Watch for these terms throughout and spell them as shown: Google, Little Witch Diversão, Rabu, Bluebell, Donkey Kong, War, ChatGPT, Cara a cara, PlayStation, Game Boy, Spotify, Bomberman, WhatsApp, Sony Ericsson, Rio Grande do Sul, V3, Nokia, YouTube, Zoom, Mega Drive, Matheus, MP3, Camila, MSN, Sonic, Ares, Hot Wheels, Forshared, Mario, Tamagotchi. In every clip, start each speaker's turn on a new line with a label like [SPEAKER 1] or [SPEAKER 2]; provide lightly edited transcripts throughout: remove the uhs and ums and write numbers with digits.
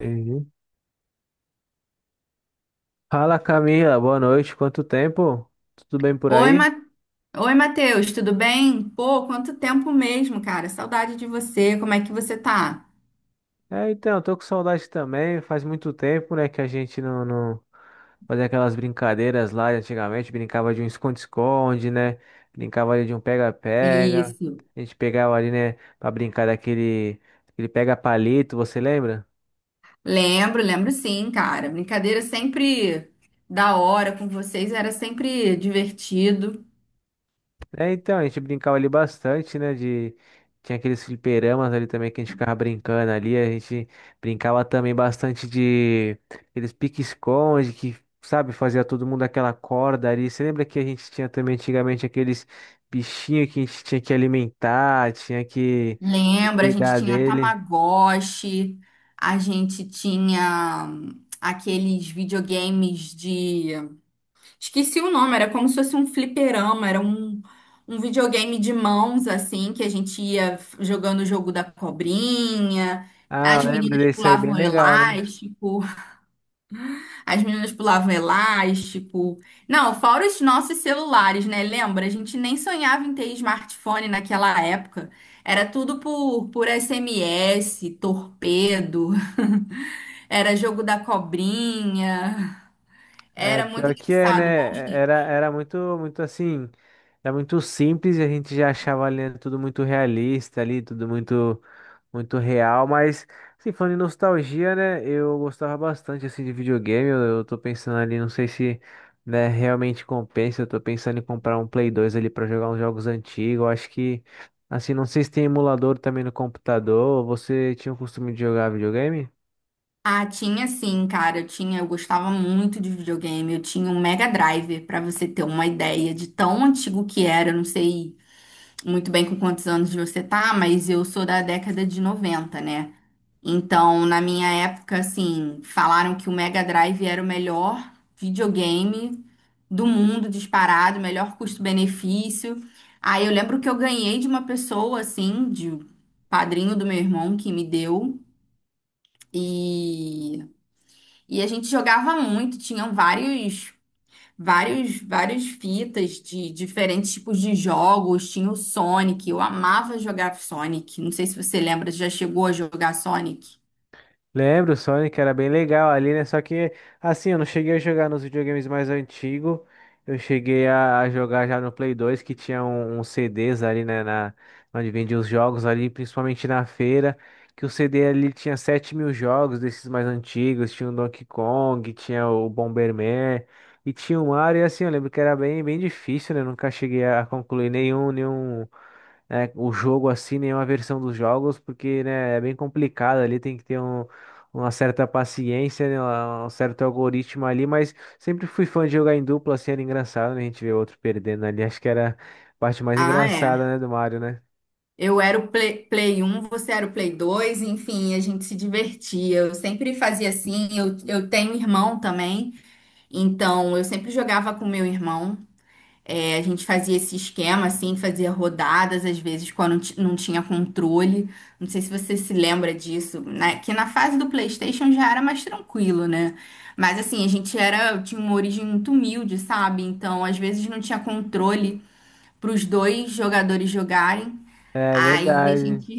[SPEAKER 1] Entendi. Fala Camila, boa noite. Quanto tempo? Tudo bem por
[SPEAKER 2] Oi,
[SPEAKER 1] aí?
[SPEAKER 2] Oi, Matheus, tudo bem? Pô, quanto tempo mesmo, cara. Saudade de você. Como é que você tá?
[SPEAKER 1] É, então, tô com saudade também. Faz muito tempo, né, que a gente não fazia aquelas brincadeiras lá de antigamente. Brincava de um esconde-esconde, né? Brincava ali de um pega-pega.
[SPEAKER 2] Isso.
[SPEAKER 1] A gente pegava ali, né, pra brincar aquele pega-palito, você lembra?
[SPEAKER 2] Lembro sim, cara. Brincadeira sempre da hora com vocês, era sempre divertido.
[SPEAKER 1] É, então, a gente brincava ali bastante, né, de... Tinha aqueles fliperamas ali também que a gente ficava brincando ali, a gente brincava também bastante de... Aqueles pique-esconde que, sabe, fazia todo mundo aquela corda ali. Você lembra que a gente tinha também antigamente aqueles bichinhos que a gente tinha que alimentar, que
[SPEAKER 2] Lembra, a gente
[SPEAKER 1] cuidar
[SPEAKER 2] tinha
[SPEAKER 1] dele?
[SPEAKER 2] Tamagotchi, a gente tinha aqueles videogames de... Esqueci o nome, era como se fosse um fliperama, era um videogame de mãos, assim, que a gente ia jogando o jogo da cobrinha,
[SPEAKER 1] Ah, eu
[SPEAKER 2] as
[SPEAKER 1] lembro
[SPEAKER 2] meninas
[SPEAKER 1] desse aí, bem
[SPEAKER 2] pulavam
[SPEAKER 1] legal, né?
[SPEAKER 2] elástico, as meninas pulavam elástico. Não, fora os nossos celulares, né? Lembra? A gente nem sonhava em ter smartphone naquela época. Era tudo por SMS, torpedo, era jogo da cobrinha.
[SPEAKER 1] É,
[SPEAKER 2] Era muito
[SPEAKER 1] pior que é, né?
[SPEAKER 2] engraçado, bons
[SPEAKER 1] É,
[SPEAKER 2] tempos.
[SPEAKER 1] era muito, muito assim... Era muito simples e a gente já achava ali né, tudo muito realista ali, tudo muito real, mas assim falando em nostalgia, né, eu gostava bastante assim de videogame. Eu tô pensando ali, não sei se, né, realmente compensa. Eu tô pensando em comprar um Play 2 ali pra jogar uns jogos antigos. Eu acho que assim, não sei se tem emulador também no computador. Você tinha o costume de jogar videogame?
[SPEAKER 2] Ah, tinha sim, cara. Eu tinha, eu gostava muito de videogame. Eu tinha um Mega Drive, pra você ter uma ideia de tão antigo que era. Eu não sei muito bem com quantos anos você tá, mas eu sou da década de 90, né? Então, na minha época, assim, falaram que o Mega Drive era o melhor videogame do mundo disparado, melhor custo-benefício. Aí eu lembro que eu ganhei de uma pessoa, assim, de padrinho do meu irmão que me deu. E e a gente jogava muito, tinham vários, vários, várias fitas de diferentes tipos de jogos. Tinha o Sonic, eu amava jogar Sonic. Não sei se você lembra, já chegou a jogar Sonic?
[SPEAKER 1] Lembro, o Sonic era bem legal ali, né? Só que, assim, eu não cheguei a jogar nos videogames mais antigos. Eu cheguei a jogar já no Play 2, que tinha uns CDs ali, né? Na, onde vendia os jogos ali, principalmente na feira. Que o CD ali tinha 7.000 jogos desses mais antigos. Tinha o Donkey Kong, tinha o Bomberman e tinha o Mario. E assim, eu lembro que era bem, bem difícil, né? Eu nunca cheguei a concluir nenhum né, o jogo assim, nenhuma versão dos jogos, porque, né, é bem complicado ali, tem que ter uma certa paciência, né, um certo algoritmo ali, mas sempre fui fã de jogar em dupla, assim, era engraçado, né, a gente ver outro perdendo ali, acho que era a parte mais
[SPEAKER 2] Ah,
[SPEAKER 1] engraçada,
[SPEAKER 2] é.
[SPEAKER 1] né, do Mario, né?
[SPEAKER 2] Eu era o Play, Play um, você era o Play dois, enfim, a gente se divertia. Eu sempre fazia assim, eu tenho irmão também, então eu sempre jogava com meu irmão. É, a gente fazia esse esquema, assim, fazia rodadas, às vezes, quando não tinha controle. Não sei se você se lembra disso, né? Que na fase do PlayStation já era mais tranquilo, né? Mas, assim, a gente era, tinha uma origem muito humilde, sabe? Então, às vezes, não tinha controle para os dois jogadores jogarem.
[SPEAKER 1] É
[SPEAKER 2] Aí a
[SPEAKER 1] verdade.
[SPEAKER 2] gente,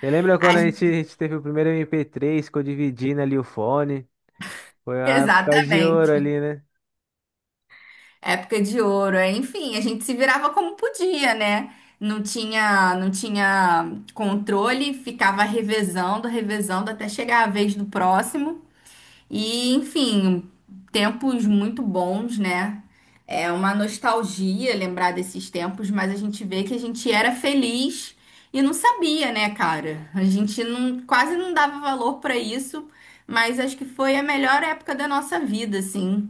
[SPEAKER 1] Você lembra quando
[SPEAKER 2] a
[SPEAKER 1] a
[SPEAKER 2] gente,
[SPEAKER 1] gente teve o primeiro MP3, ficou dividindo ali o fone? Foi a época de ouro
[SPEAKER 2] exatamente.
[SPEAKER 1] ali, né?
[SPEAKER 2] Época de ouro, é. Enfim, a gente se virava como podia, né? Não tinha controle, ficava revezando, revezando até chegar a vez do próximo. E, enfim, tempos muito bons, né? É uma nostalgia lembrar desses tempos, mas a gente vê que a gente era feliz e não sabia, né, cara? A gente não, quase não dava valor pra isso, mas acho que foi a melhor época da nossa vida, assim.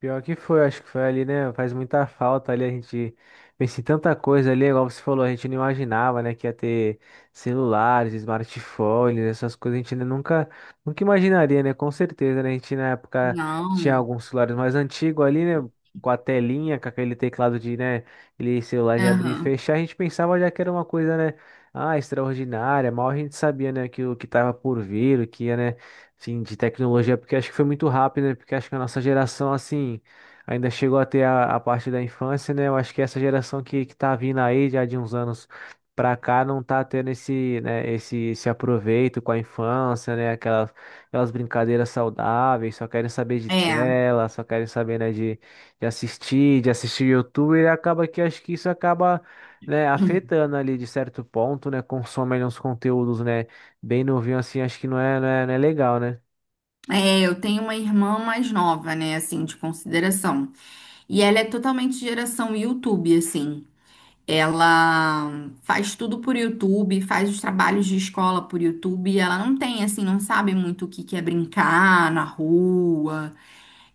[SPEAKER 1] Pior que foi, acho que foi ali, né? Faz muita falta ali, a gente pensa em tanta coisa ali, igual você falou, a gente não imaginava, né, que ia ter celulares, smartphones, essas coisas, a gente ainda nunca imaginaria, né? Com certeza, né? A gente na época tinha
[SPEAKER 2] Não.
[SPEAKER 1] alguns celulares mais antigos ali, né? Com a telinha, com aquele teclado de, né, aquele celular de abrir e
[SPEAKER 2] Aham.
[SPEAKER 1] fechar, a gente pensava já que era uma coisa, né? Ah, extraordinária, mal a gente sabia, né, que o que tava por vir, o que ia, né? Sim, de tecnologia, porque acho que foi muito rápido, né? Porque acho que a nossa geração, assim, ainda chegou até a parte da infância, né? Eu acho que essa que tá vindo aí já de uns anos pra cá não tá tendo esse esse aproveito com a infância, né? Aquelas brincadeiras saudáveis, só querem saber de
[SPEAKER 2] É,
[SPEAKER 1] tela, só querem saber, né, de assistir YouTube, e acaba que acho que isso acaba, né, afetando ali de certo ponto, né? Consomem os conteúdos, né? Bem novinho assim, acho que não é legal, né?
[SPEAKER 2] eu tenho uma irmã mais nova, né, assim, de consideração. E ela é totalmente geração YouTube, assim. Ela faz tudo por YouTube, faz os trabalhos de escola por YouTube. Ela não tem, assim, não sabe muito o que que é brincar na rua.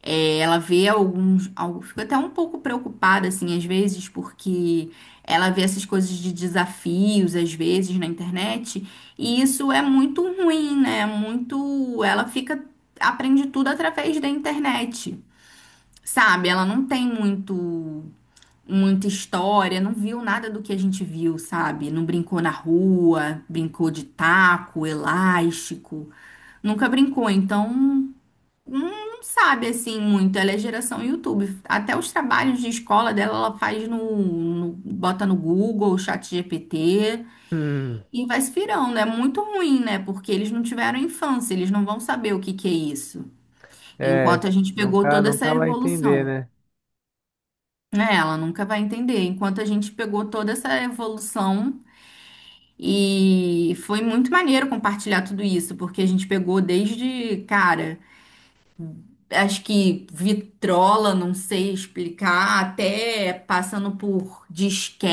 [SPEAKER 2] É, ela vê alguns, algo, fica até um pouco preocupada, assim, às vezes, porque ela vê essas coisas de desafios, às vezes, na internet, e isso é muito ruim, né? Muito, ela fica, aprende tudo através da internet, sabe? Ela não tem muito, muita história, não viu nada do que a gente viu, sabe? Não brincou na rua, brincou de taco, elástico, nunca brincou, então... não sabe assim muito, ela é geração YouTube. Até os trabalhos de escola dela, ela faz no, bota no Google, chat GPT
[SPEAKER 1] Hum,
[SPEAKER 2] e vai se virando. É muito ruim, né? Porque eles não tiveram infância, eles não vão saber o que que é isso.
[SPEAKER 1] é,
[SPEAKER 2] Enquanto a gente pegou toda essa
[SPEAKER 1] nunca vai entender,
[SPEAKER 2] evolução.
[SPEAKER 1] né?
[SPEAKER 2] Né, ela nunca vai entender. Enquanto a gente pegou toda essa evolução e foi muito maneiro compartilhar tudo isso, porque a gente pegou desde, cara, acho que vitrola, não sei explicar, até passando por disque,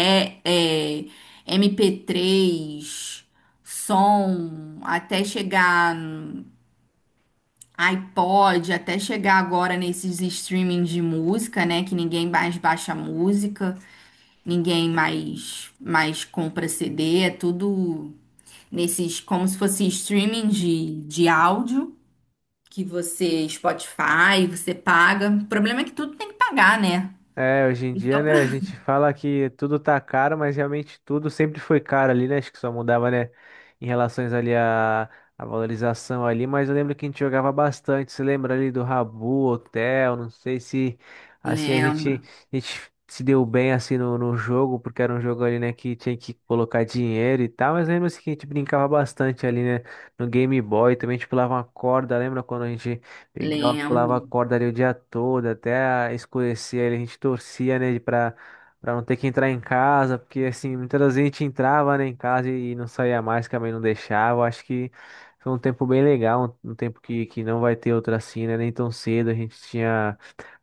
[SPEAKER 2] é, MP3, som, até chegar no iPod, até chegar agora nesses streaming de música, né? Que ninguém mais baixa música, ninguém mais compra CD, é tudo nesses, como se fosse streaming de áudio que você, Spotify, você paga. O problema é que tudo tem que pagar, né?
[SPEAKER 1] É, hoje em
[SPEAKER 2] Esse é o
[SPEAKER 1] dia, né, a
[SPEAKER 2] problema.
[SPEAKER 1] gente fala que tudo tá caro, mas realmente tudo sempre foi caro ali, né? Acho que só mudava, né, em relações ali à valorização ali, mas eu lembro que a gente jogava bastante. Você lembra ali do Rabu, Hotel, não sei se assim
[SPEAKER 2] Lembro,
[SPEAKER 1] a gente se deu bem assim no, no jogo, porque era um jogo ali, né, que tinha que colocar dinheiro e tal, mas lembra assim, que a gente brincava bastante ali, né, no Game Boy, também a gente pulava uma corda, lembra quando a gente pegava, pulava a
[SPEAKER 2] lembro.
[SPEAKER 1] corda ali o dia todo, até escurecer, ali a gente torcia, né, pra não ter que entrar em casa, porque assim, muitas vezes a gente entrava, né, em casa e não saía mais, que a mãe não deixava. Acho que foi um tempo bem legal, um tempo que não vai ter outro assim, né, nem tão cedo. A gente tinha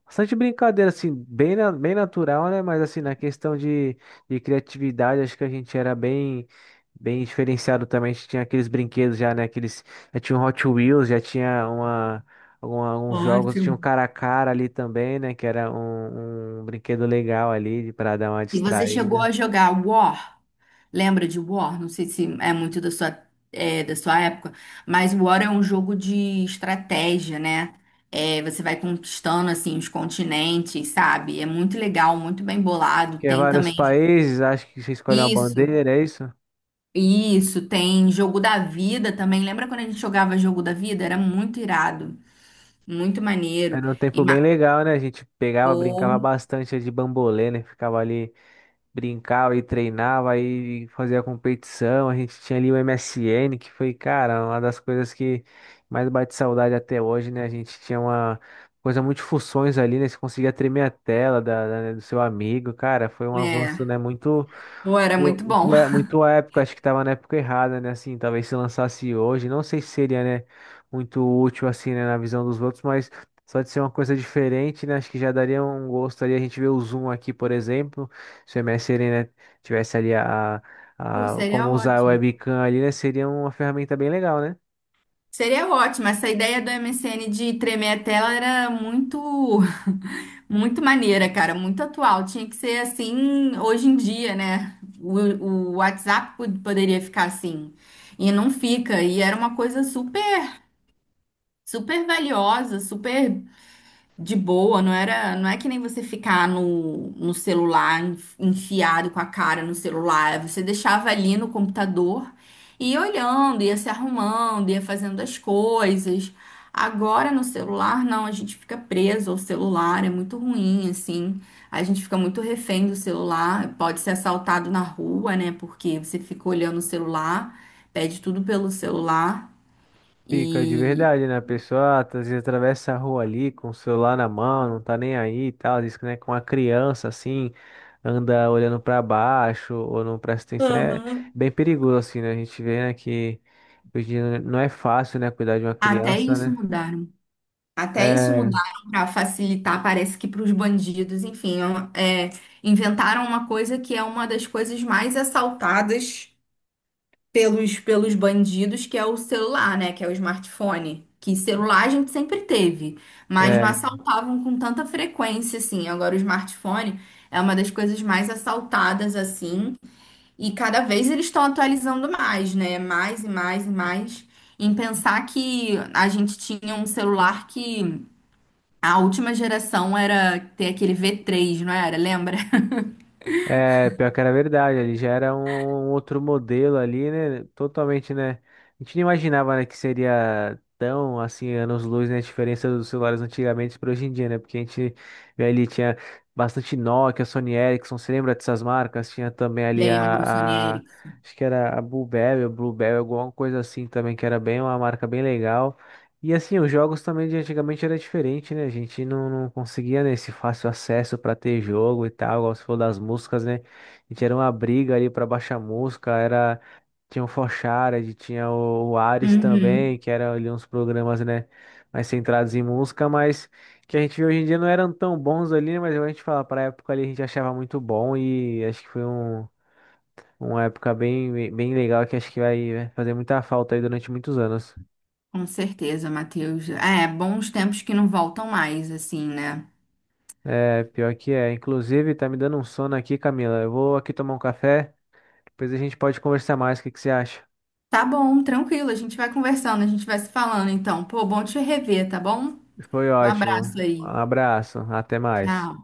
[SPEAKER 1] bastante brincadeira, assim, bem, bem natural, né? Mas assim, na questão de criatividade, acho que a gente era bem, bem diferenciado também. A gente tinha aqueles brinquedos já, né? Aqueles, já tinha um Hot Wheels, já tinha uma, alguns jogos, tinha
[SPEAKER 2] Ótimo.
[SPEAKER 1] um cara a cara ali também, né? Que era um brinquedo legal ali para dar uma
[SPEAKER 2] E você chegou
[SPEAKER 1] distraída.
[SPEAKER 2] a jogar War? Lembra de War? Não sei se é muito da sua, é, da sua época, mas War é um jogo de estratégia, né? É, você vai conquistando assim os continentes, sabe? É muito legal, muito bem bolado.
[SPEAKER 1] Que é
[SPEAKER 2] Tem
[SPEAKER 1] vários
[SPEAKER 2] também
[SPEAKER 1] países, acho que você escolhe uma
[SPEAKER 2] isso,
[SPEAKER 1] bandeira, é isso?
[SPEAKER 2] isso. Tem jogo da vida também. Lembra quando a gente jogava jogo da vida? Era muito irado. Muito maneiro.
[SPEAKER 1] Era um
[SPEAKER 2] E
[SPEAKER 1] tempo bem
[SPEAKER 2] ma-
[SPEAKER 1] legal, né? A gente pegava,
[SPEAKER 2] Pô,
[SPEAKER 1] brincava bastante de bambolê, né? Ficava ali, brincava e treinava e fazia competição. A gente tinha ali o MSN, que foi, cara, uma das coisas que mais bate saudade até hoje, né? A gente tinha uma coisa muito funções ali, né? Você conseguia tremer a tela né, do seu amigo, cara, foi um avanço,
[SPEAKER 2] é.
[SPEAKER 1] né? Muito.
[SPEAKER 2] Pô, era muito bom.
[SPEAKER 1] Muito à época, acho que estava na época errada, né? Assim, talvez se lançasse hoje, não sei se seria, né, muito útil, assim, né, na visão dos outros, mas só de ser uma coisa diferente, né? Acho que já daria um gosto ali. A gente vê o Zoom aqui, por exemplo, se o MSN, né, tivesse ali
[SPEAKER 2] Pô,
[SPEAKER 1] a,
[SPEAKER 2] seria
[SPEAKER 1] como usar a
[SPEAKER 2] ótimo.
[SPEAKER 1] webcam ali, né, seria uma ferramenta bem legal, né?
[SPEAKER 2] Seria ótimo. Essa ideia do M S N de tremer a tela era muito, muito maneira, cara. Muito atual. Tinha que ser assim hoje em dia, né? O WhatsApp poderia ficar assim. E não fica. E era uma coisa super, super valiosa, super. De boa, não era, não é que nem você ficar no, no celular, enfiado com a cara no celular, você deixava ali no computador e ia olhando, ia se arrumando, ia fazendo as coisas. Agora no celular, não, a gente fica preso ao celular, é muito ruim, assim. A gente fica muito refém do celular, pode ser assaltado na rua, né? Porque você fica olhando o celular, pede tudo pelo celular
[SPEAKER 1] Fica de
[SPEAKER 2] e...
[SPEAKER 1] verdade, né? A pessoa ah, tá, às vezes atravessa a rua ali com o celular na mão, não tá nem aí e tal. Diz que, né, com a criança assim, anda olhando pra baixo ou não presta atenção. É
[SPEAKER 2] Aham.
[SPEAKER 1] bem perigoso, assim, né? A gente vê, né, que hoje em dia não é fácil, né, cuidar de uma
[SPEAKER 2] Até
[SPEAKER 1] criança,
[SPEAKER 2] isso
[SPEAKER 1] né?
[SPEAKER 2] mudar. Até isso
[SPEAKER 1] É,
[SPEAKER 2] mudaram para facilitar, parece que para os bandidos, enfim, é, inventaram uma coisa que é uma das coisas mais assaltadas pelos bandidos, que é o celular, né? Que é o smartphone. Que celular a gente sempre teve, mas não
[SPEAKER 1] É,
[SPEAKER 2] assaltavam com tanta frequência assim. Agora o smartphone é uma das coisas mais assaltadas assim. E cada vez eles estão atualizando mais, né? Mais e mais e mais. Em pensar que a gente tinha um celular que a última geração era ter aquele V3, não era? Lembra?
[SPEAKER 1] é, pior que era verdade, ele já era um outro modelo ali, né? Totalmente, né? A gente não imaginava, né, que seria tão, assim, anos-luz, né? A diferença dos celulares antigamente para hoje em dia, né? Porque a gente vê ali, tinha bastante Nokia, Sony Ericsson, você lembra dessas marcas? Tinha também ali
[SPEAKER 2] Lembro, Sony Ericsson.
[SPEAKER 1] acho que era a Bluebell, Bluebell, alguma coisa assim também, que era bem uma marca bem legal. E assim, os jogos também de antigamente era diferente, né? A gente não conseguia, né, esse fácil acesso para ter jogo e tal, igual você falou das músicas, né? A gente era uma briga ali para baixar música, era tinha o Forshared, tinha o Ares também,
[SPEAKER 2] Uhum,
[SPEAKER 1] que eram ali uns programas, né, mais centrados em música, mas que a gente vê hoje em dia não eram tão bons ali, né? Mas a gente fala, pra época ali a gente achava muito bom e acho que foi um, uma época bem, bem legal que acho que vai né, fazer muita falta aí durante muitos anos.
[SPEAKER 2] com certeza, Matheus. É, bons tempos que não voltam mais, assim, né?
[SPEAKER 1] É, pior que é. Inclusive, tá me dando um sono aqui, Camila. Eu vou aqui tomar um café, depois a gente pode conversar mais. O que que você acha?
[SPEAKER 2] Tá bom, tranquilo, a gente vai conversando, a gente vai se falando, então. Pô, bom te rever, tá bom?
[SPEAKER 1] Foi
[SPEAKER 2] Um
[SPEAKER 1] ótimo.
[SPEAKER 2] abraço
[SPEAKER 1] Um
[SPEAKER 2] aí.
[SPEAKER 1] abraço, até mais.
[SPEAKER 2] Tchau.